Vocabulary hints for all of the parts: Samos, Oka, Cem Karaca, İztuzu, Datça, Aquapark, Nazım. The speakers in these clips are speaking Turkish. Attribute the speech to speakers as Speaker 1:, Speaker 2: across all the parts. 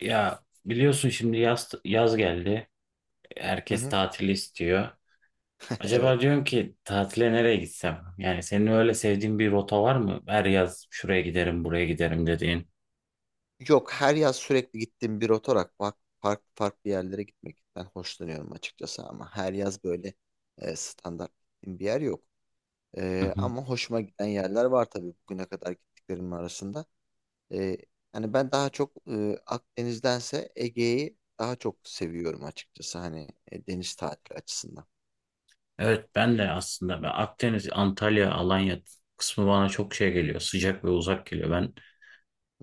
Speaker 1: Ya biliyorsun şimdi yaz geldi.
Speaker 2: Hı
Speaker 1: Herkes
Speaker 2: hı.
Speaker 1: tatil istiyor.
Speaker 2: Evet.
Speaker 1: Acaba diyorum ki tatile nereye gitsem? Yani senin öyle sevdiğin bir rota var mı? Her yaz şuraya giderim, buraya giderim dediğin.
Speaker 2: Yok, her yaz sürekli gittiğim bir otor akvak farklı farklı yerlere gitmekten hoşlanıyorum açıkçası ama her yaz böyle standart gittiğim bir yer yok.
Speaker 1: Hı hı.
Speaker 2: Ama hoşuma giden yerler var tabii bugüne kadar gittiklerimin arasında. E, Hani ben daha çok Akdeniz'dense Ege'yi daha çok seviyorum açıkçası, hani deniz tatili açısından.
Speaker 1: Evet, ben de aslında ben Akdeniz, Antalya, Alanya kısmı bana çok şey geliyor. Sıcak ve uzak geliyor. Ben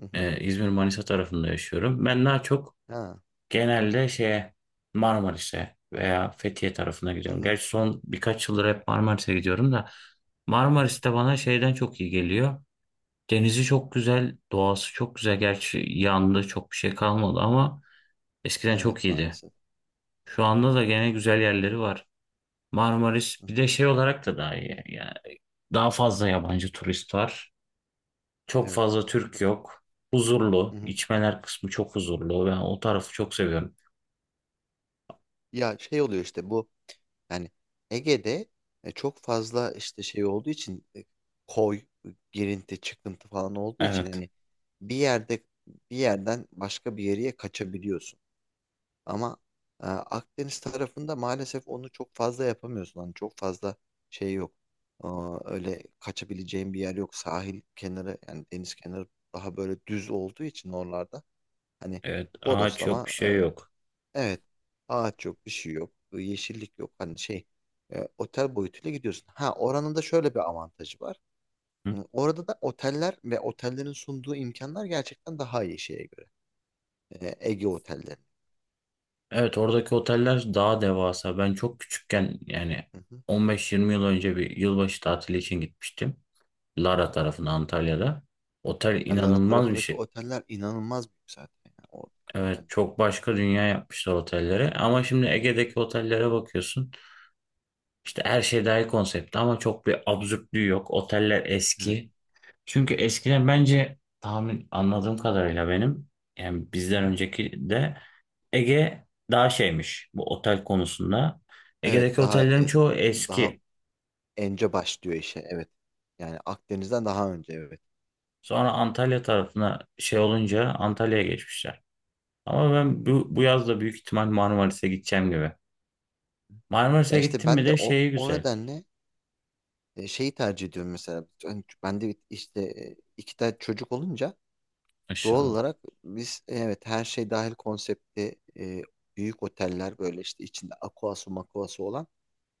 Speaker 2: Hı hı.
Speaker 1: İzmir, Manisa tarafında yaşıyorum. Ben daha çok
Speaker 2: Ha.
Speaker 1: genelde şeye Marmaris'e veya Fethiye tarafına
Speaker 2: Hı
Speaker 1: gidiyorum.
Speaker 2: hı.
Speaker 1: Gerçi son birkaç yıldır hep Marmaris'e gidiyorum da
Speaker 2: Hı hı.
Speaker 1: Marmaris'te bana şeyden çok iyi geliyor. Denizi çok güzel, doğası çok güzel. Gerçi yandı çok bir şey kalmadı ama eskiden
Speaker 2: Evet,
Speaker 1: çok iyiydi.
Speaker 2: maalesef.
Speaker 1: Şu anda da gene güzel yerleri var. Marmaris
Speaker 2: Hı hı.
Speaker 1: bir de şey olarak da daha iyi. Yani daha fazla yabancı turist var. Çok
Speaker 2: Evet.
Speaker 1: fazla Türk yok.
Speaker 2: Hı
Speaker 1: Huzurlu.
Speaker 2: hı.
Speaker 1: İçmeler kısmı çok huzurlu. Ben o tarafı çok seviyorum.
Speaker 2: Ya şey oluyor işte bu, yani Ege'de çok fazla işte şey olduğu için koy, girinti, çıkıntı falan olduğu için
Speaker 1: Evet.
Speaker 2: hani bir yerde bir yerden başka bir yere kaçabiliyorsun. Ama Akdeniz tarafında maalesef onu çok fazla yapamıyorsun. Hani çok fazla şey yok. Aa, öyle kaçabileceğin bir yer yok. Sahil kenarı, yani deniz kenarı daha böyle düz olduğu için oralarda hani
Speaker 1: Evet, ağaç yok, bir
Speaker 2: bodoslama.
Speaker 1: şey yok.
Speaker 2: Evet. Ağaç yok, bir şey yok, yeşillik yok. Hani şey, otel boyutuyla gidiyorsun. Ha, oranın da şöyle bir avantajı var.
Speaker 1: Hı?
Speaker 2: Hı, Orada da oteller ve otellerin sunduğu imkanlar gerçekten daha iyi şeye göre. Ege otelleri.
Speaker 1: Evet, oradaki oteller daha devasa. Ben çok küçükken yani
Speaker 2: Hı hı,
Speaker 1: 15-20 yıl önce bir yılbaşı tatili için gitmiştim. Lara
Speaker 2: hı hı.
Speaker 1: tarafına Antalya'da. Otel
Speaker 2: Marmara
Speaker 1: inanılmaz bir
Speaker 2: tarafındaki
Speaker 1: şey.
Speaker 2: oteller inanılmaz büyük zaten. Yani oradaki
Speaker 1: Evet,
Speaker 2: otel.
Speaker 1: çok başka dünya yapmışlar otellere. Ama şimdi
Speaker 2: Hı hı,
Speaker 1: Ege'deki otellere bakıyorsun. İşte her şey dahil konsepti ama çok bir absürtlüğü yok. Oteller
Speaker 2: evet.
Speaker 1: eski.
Speaker 2: Hı
Speaker 1: Çünkü
Speaker 2: hı,
Speaker 1: eskiden bence tahmin anladığım kadarıyla benim yani
Speaker 2: hı
Speaker 1: bizden
Speaker 2: hı.
Speaker 1: önceki de Ege daha şeymiş bu otel konusunda.
Speaker 2: Evet,
Speaker 1: Ege'deki
Speaker 2: daha
Speaker 1: otellerin
Speaker 2: e,
Speaker 1: çoğu
Speaker 2: daha
Speaker 1: eski.
Speaker 2: önce başlıyor işe. Evet. Yani Akdeniz'den daha önce, evet.
Speaker 1: Sonra Antalya tarafına şey olunca
Speaker 2: Hı hı.
Speaker 1: Antalya'ya geçmişler. Ama ben bu yaz da büyük ihtimal Marmaris'e gideceğim gibi.
Speaker 2: Ya
Speaker 1: Marmaris'e
Speaker 2: işte
Speaker 1: gittim mi
Speaker 2: ben de
Speaker 1: de
Speaker 2: o,
Speaker 1: şeyi
Speaker 2: o
Speaker 1: güzel.
Speaker 2: nedenle şeyi tercih ediyorum mesela. Hani ben de işte iki tane çocuk olunca doğal
Speaker 1: Aşağıda.
Speaker 2: olarak biz, evet, her şey dahil konsepti, büyük oteller, böyle işte içinde aquası makuası olan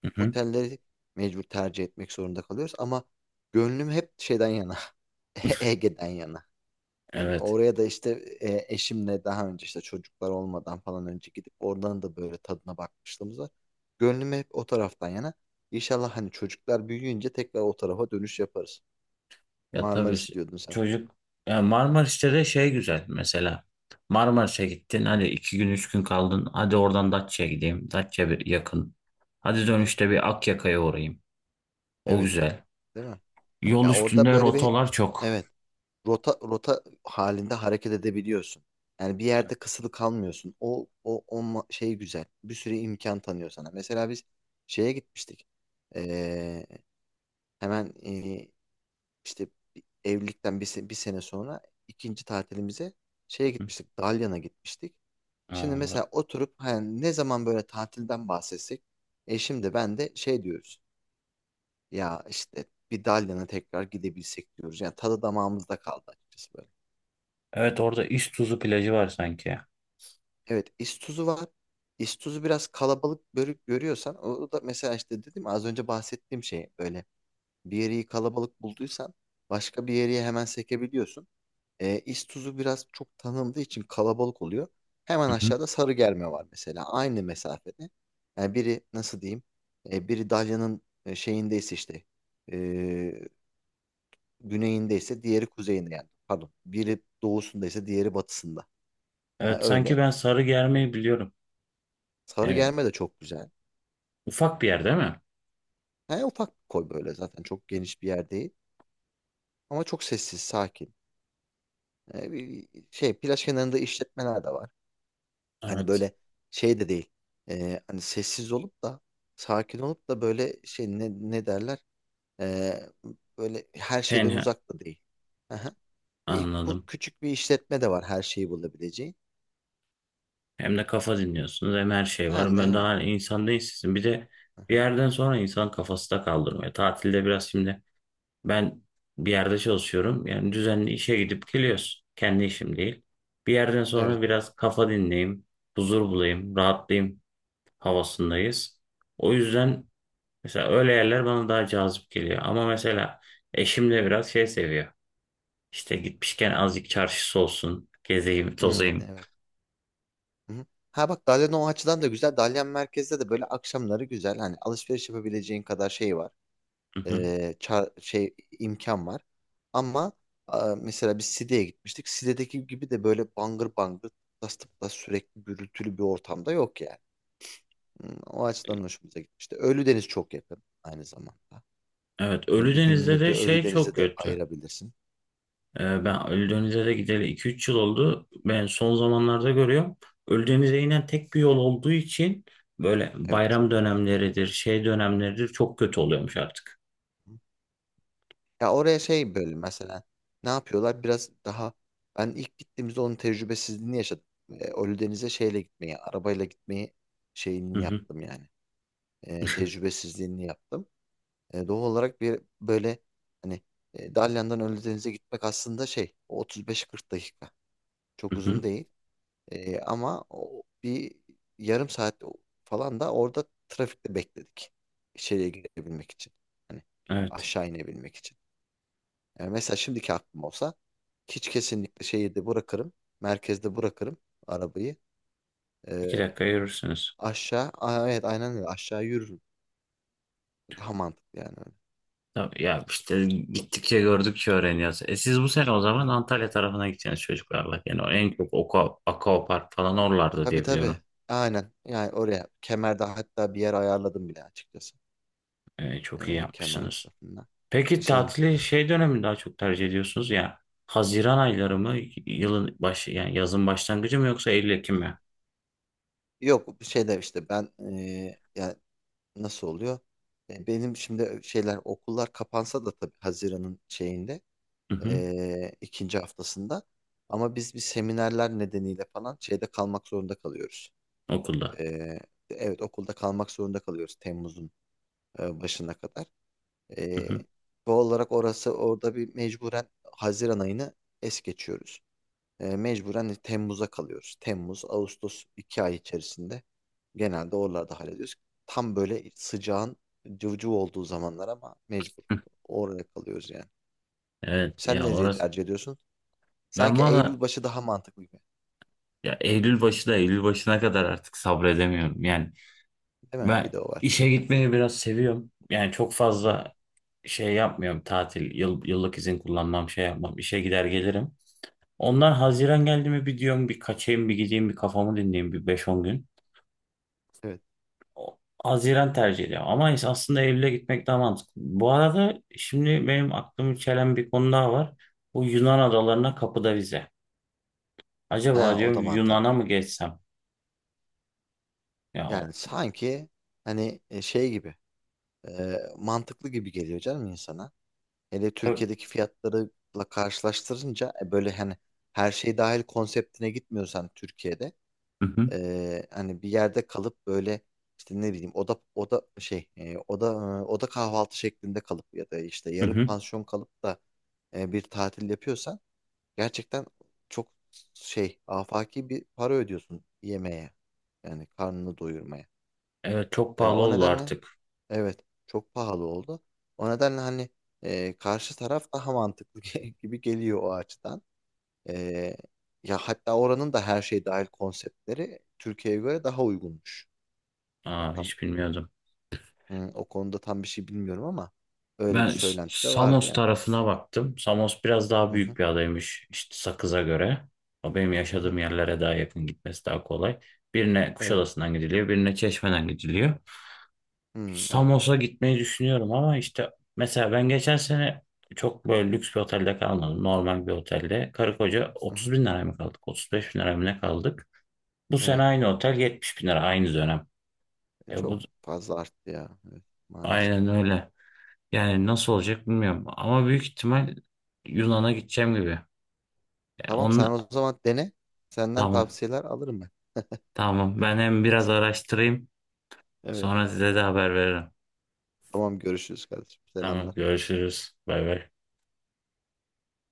Speaker 1: Hı hı.
Speaker 2: otelleri mecbur tercih etmek zorunda kalıyoruz. Ama gönlüm hep şeyden yana, Ege'den yana. Yani
Speaker 1: Evet.
Speaker 2: oraya da işte eşimle daha önce işte çocuklar olmadan falan önce gidip oradan da böyle tadına bakmışlığımız var. Gönlüm hep o taraftan yana. İnşallah hani çocuklar büyüyünce tekrar o tarafa dönüş yaparız.
Speaker 1: Ya tabii,
Speaker 2: Marmaris
Speaker 1: ş-
Speaker 2: diyordun sen.
Speaker 1: çocuk, ya Marmaris'te de şey güzel mesela. Marmaris'e gittin, hadi iki gün üç gün kaldın. Hadi oradan Datça'ya gideyim. Datça bir yakın. Hadi
Speaker 2: Hı hı.
Speaker 1: dönüşte bir Akyaka'ya uğrayayım. O
Speaker 2: Evet,
Speaker 1: güzel.
Speaker 2: değil mi?
Speaker 1: Yol
Speaker 2: Ya orada
Speaker 1: üstünde
Speaker 2: böyle bir,
Speaker 1: rotalar çok.
Speaker 2: evet, rota rota halinde hareket edebiliyorsun. Yani bir yerde kısılı kalmıyorsun. Şey güzel. Bir sürü imkan tanıyor sana. Mesela biz şeye gitmiştik. Ee, Hemen İşte evlilikten bir sene sonra ikinci tatilimize şeye gitmiştik. Dalyan'a gitmiştik. Şimdi
Speaker 1: Aa,
Speaker 2: mesela oturup hani ne zaman böyle tatilden bahsetsek, eşim de ben de şey diyoruz. Ya işte bir Dalyan'a tekrar gidebilsek diyoruz. Yani tadı damağımızda kaldı açıkçası böyle.
Speaker 1: evet, orada İztuzu plajı var sanki.
Speaker 2: Evet, İstuzu var. İstuzu biraz kalabalık görüyorsan, o da mesela işte dedim ya, az önce bahsettiğim şey böyle, bir yeri kalabalık bulduysan başka bir yere hemen sekebiliyorsun. İstuzu biraz çok tanındığı için kalabalık oluyor. Hemen
Speaker 1: Hı hı.
Speaker 2: aşağıda sarı germe var mesela. Aynı mesafede. Yani biri nasıl diyeyim? Biri Dalyan'ın şeyindeyse işte e, güneyindeyse, diğeri kuzeyinde yani. Pardon. Biri doğusundaysa diğeri batısında. Yani
Speaker 1: Evet, sanki
Speaker 2: öyle.
Speaker 1: ben Sarıgerme'yi biliyorum.
Speaker 2: Sarı
Speaker 1: Yani
Speaker 2: germe de çok güzel.
Speaker 1: ufak bir yer değil mi?
Speaker 2: Yani ufak bir koy, böyle zaten çok geniş bir yer değil. Ama çok sessiz, sakin. Bir şey plaj kenarında işletmeler de var. Hani
Speaker 1: Evet.
Speaker 2: böyle şey de değil. Hani sessiz olup da sakin olup da böyle şey, ne derler? Ee, Böyle her şeyden
Speaker 1: Tenha.
Speaker 2: uzak da değil. Aha. E, Bu
Speaker 1: Anladım.
Speaker 2: küçük bir işletme de var, her şeyi bulabileceğin.
Speaker 1: Hem de kafa dinliyorsunuz hem her şey
Speaker 2: Ha,
Speaker 1: var.
Speaker 2: de,
Speaker 1: Ben
Speaker 2: evet.
Speaker 1: daha insan değilsizim. Bir de bir
Speaker 2: Aha.
Speaker 1: yerden sonra insan kafası da kaldırmıyor. Tatilde biraz şimdi ben bir yerde çalışıyorum. Yani düzenli işe gidip geliyoruz. Kendi işim değil. Bir yerden
Speaker 2: Evet.
Speaker 1: sonra biraz kafa dinleyeyim, huzur bulayım, rahatlayayım havasındayız. O yüzden mesela öyle yerler bana daha cazip geliyor. Ama mesela eşim de biraz şey seviyor. İşte gitmişken azıcık çarşısı olsun, gezeyim,
Speaker 2: Hmm,
Speaker 1: tozayım.
Speaker 2: evet. Hı-hı. Ha bak, Dalyan o açıdan da güzel. Dalyan merkezde de böyle akşamları güzel. Hani alışveriş yapabileceğin kadar şey var. e, şey imkan var. Ama a, mesela biz Side'ye gitmiştik. Side'deki gibi de böyle bangır bangır tıplas tıplas sürekli gürültülü bir ortamda yok yani. O açıdan hoşumuza gitmişti. Ölüdeniz çok yakın aynı zamanda.
Speaker 1: Evet,
Speaker 2: Hani bir
Speaker 1: Ölüdeniz'de
Speaker 2: gününü de
Speaker 1: de şey çok
Speaker 2: Ölüdeniz'e de
Speaker 1: kötü.
Speaker 2: ayırabilirsin.
Speaker 1: Ben Ölüdeniz'e de gideli 2-3 yıl oldu. Ben son zamanlarda görüyorum. Ölüdeniz'e inen tek bir yol olduğu için böyle
Speaker 2: Evet, çok
Speaker 1: bayram
Speaker 2: büyük
Speaker 1: dönemleridir,
Speaker 2: kalabalık.
Speaker 1: şey dönemleridir çok kötü oluyormuş artık.
Speaker 2: Ya oraya şey böyle mesela ne yapıyorlar? Biraz daha, ben ilk gittiğimizde onun tecrübesizliğini yaşadım. Ölüdeniz'e şeyle gitmeyi, arabayla gitmeyi
Speaker 1: Hı
Speaker 2: şeyini
Speaker 1: hı,
Speaker 2: yaptım yani. Tecrübesizliğini yaptım. Doğal olarak bir böyle hani Dalyan'dan Ölüdeniz'e gitmek aslında şey, o 35-40 dakika.
Speaker 1: hı
Speaker 2: Çok uzun
Speaker 1: hı.
Speaker 2: değil. Ama o, bir yarım saat falan da orada trafikte bekledik. İçeriye girebilmek için. Hani
Speaker 1: Evet.
Speaker 2: aşağı inebilmek için. Yani mesela şimdiki aklım olsa hiç kesinlikle şehirde bırakırım. Merkezde bırakırım arabayı.
Speaker 1: 2
Speaker 2: E,
Speaker 1: dakika yürürsünüz.
Speaker 2: Aa, evet, aynen öyle, aşağı yürürüm. Daha mantıklı yani
Speaker 1: Tabii ya, işte gittikçe gördükçe öğreniyoruz. E, siz bu sene o zaman
Speaker 2: öyle.
Speaker 1: Antalya tarafına gideceksiniz çocuklarla. Yani o en çok Oka, Aquapark falan oralarda
Speaker 2: Tabii
Speaker 1: diye
Speaker 2: tabii.
Speaker 1: biliyorum.
Speaker 2: Aynen. Yani oraya, kemerde hatta bir yer ayarladım bile açıkçası.
Speaker 1: E, çok iyi
Speaker 2: Kemer
Speaker 1: yapmışsınız.
Speaker 2: tarafından.
Speaker 1: Peki
Speaker 2: Şeyini.
Speaker 1: tatili şey dönemi daha çok tercih ediyorsunuz ya. Haziran ayları mı, yılın başı yani yazın başlangıcı mı, yoksa Eylül Ekim
Speaker 2: Hı hı.
Speaker 1: mi?
Speaker 2: Yok, bir şeyler işte, ben yani nasıl oluyor? Benim şimdi şeyler, okullar kapansa da tabii Haziran'ın şeyinde,
Speaker 1: Hı hı,
Speaker 2: ikinci haftasında, ama biz bir seminerler nedeniyle falan şeyde kalmak zorunda kalıyoruz.
Speaker 1: okulda.
Speaker 2: Ee, evet, okulda kalmak zorunda kalıyoruz Temmuz'un başına kadar.
Speaker 1: Hı
Speaker 2: Ee,
Speaker 1: hı.
Speaker 2: Doğal olarak orası, orada bir mecburen Haziran ayını es geçiyoruz. Mecburen Temmuz'a kalıyoruz. Temmuz, Ağustos iki ay içerisinde genelde oralarda hallediyoruz. Tam böyle sıcağın cıvcıv olduğu zamanlar ama mecbur oraya kalıyoruz yani.
Speaker 1: Evet
Speaker 2: Sen
Speaker 1: ya,
Speaker 2: nereyi
Speaker 1: orası.
Speaker 2: tercih ediyorsun?
Speaker 1: Ben
Speaker 2: Sanki Eylül
Speaker 1: valla,
Speaker 2: başı daha mantıklı gibi.
Speaker 1: ya Eylül başı da, Eylül başına kadar artık sabredemiyorum. Yani
Speaker 2: Değil mi? Bir
Speaker 1: ben
Speaker 2: de o var.
Speaker 1: işe gitmeyi biraz seviyorum. Yani çok
Speaker 2: Hı hı,
Speaker 1: fazla şey yapmıyorum, tatil, yıl, yıllık izin kullanmam, şey yapmam, işe gider gelirim. Ondan
Speaker 2: hı hı.
Speaker 1: Haziran geldi mi bir diyorum, bir kaçayım, bir gideyim, bir kafamı dinleyeyim bir beş on gün.
Speaker 2: Evet.
Speaker 1: O- Haziran tercih ediyorum. Ama ins- aslında Eylül'e gitmek daha mantıklı. Bu arada şimdi benim aklımı çelen bir konu daha var. Bu Yunan adalarına kapıda vize.
Speaker 2: Ha,
Speaker 1: Acaba
Speaker 2: o
Speaker 1: diyorum
Speaker 2: da
Speaker 1: Yunan'a
Speaker 2: mantıklı.
Speaker 1: mı geçsem? Ya o-
Speaker 2: Yani sanki hani şey gibi mantıklı gibi geliyor canım insana. Hele
Speaker 1: Ö-
Speaker 2: Türkiye'deki fiyatlarıyla karşılaştırınca böyle hani, her şey dahil konseptine gitmiyorsan Türkiye'de,
Speaker 1: hı hı,
Speaker 2: hani bir yerde kalıp böyle işte ne bileyim, oda oda şey, oda, oda kahvaltı şeklinde kalıp ya da işte
Speaker 1: hı
Speaker 2: yarım
Speaker 1: hı.
Speaker 2: pansiyon kalıp da bir tatil yapıyorsan, gerçekten çok şey, afaki bir para ödüyorsun yemeğe, yani karnını doyurmaya.
Speaker 1: Evet, çok
Speaker 2: E,
Speaker 1: pahalı
Speaker 2: o
Speaker 1: oldu
Speaker 2: nedenle,
Speaker 1: artık.
Speaker 2: evet, çok pahalı oldu. O nedenle hani karşı taraf daha mantıklı gibi geliyor o açıdan. E, Ya hatta oranın da her şey dahil konseptleri Türkiye'ye göre daha uygunmuş.
Speaker 1: Aa,
Speaker 2: Tam,
Speaker 1: hiç bilmiyordum.
Speaker 2: hı, o konuda tam bir şey bilmiyorum ama öyle bir
Speaker 1: Ben S-
Speaker 2: söylenti de vardı
Speaker 1: Samos
Speaker 2: yani.
Speaker 1: tarafına baktım. Samos biraz daha
Speaker 2: Hı hı,
Speaker 1: büyük bir adaymış işte Sakız'a göre. O benim
Speaker 2: hı hı,
Speaker 1: yaşadığım yerlere daha yakın, gitmesi daha kolay. Birine
Speaker 2: evet.
Speaker 1: Kuşadası'ndan gidiliyor, birine Çeşme'den gidiliyor.
Speaker 2: Hı, evet.
Speaker 1: Samos'a gitmeyi düşünüyorum ama işte mesela ben geçen sene çok böyle lüks bir otelde kalmadım. Normal bir otelde. Karı koca
Speaker 2: Hı
Speaker 1: 30
Speaker 2: hı,
Speaker 1: bin liraya mı kaldık? 35 bin liraya mı ne kaldık? Bu sene
Speaker 2: evet.
Speaker 1: aynı otel 70 bin lira aynı dönem. E
Speaker 2: Çok
Speaker 1: bu
Speaker 2: fazla arttı ya. Evet, maalesef.
Speaker 1: aynen öyle. Yani nasıl olacak bilmiyorum. Ama büyük ihtimal Yunan'a gideceğim gibi. E
Speaker 2: Tamam,
Speaker 1: onun...
Speaker 2: sen o zaman dene. Senden
Speaker 1: Tamam.
Speaker 2: tavsiyeler alırım ben.
Speaker 1: Tamam. Ben hem biraz araştırayım.
Speaker 2: Evet.
Speaker 1: Sonra size de haber veririm.
Speaker 2: Tamam, görüşürüz kardeşim.
Speaker 1: Tamam.
Speaker 2: Selamlar.
Speaker 1: Görüşürüz. Bay bay.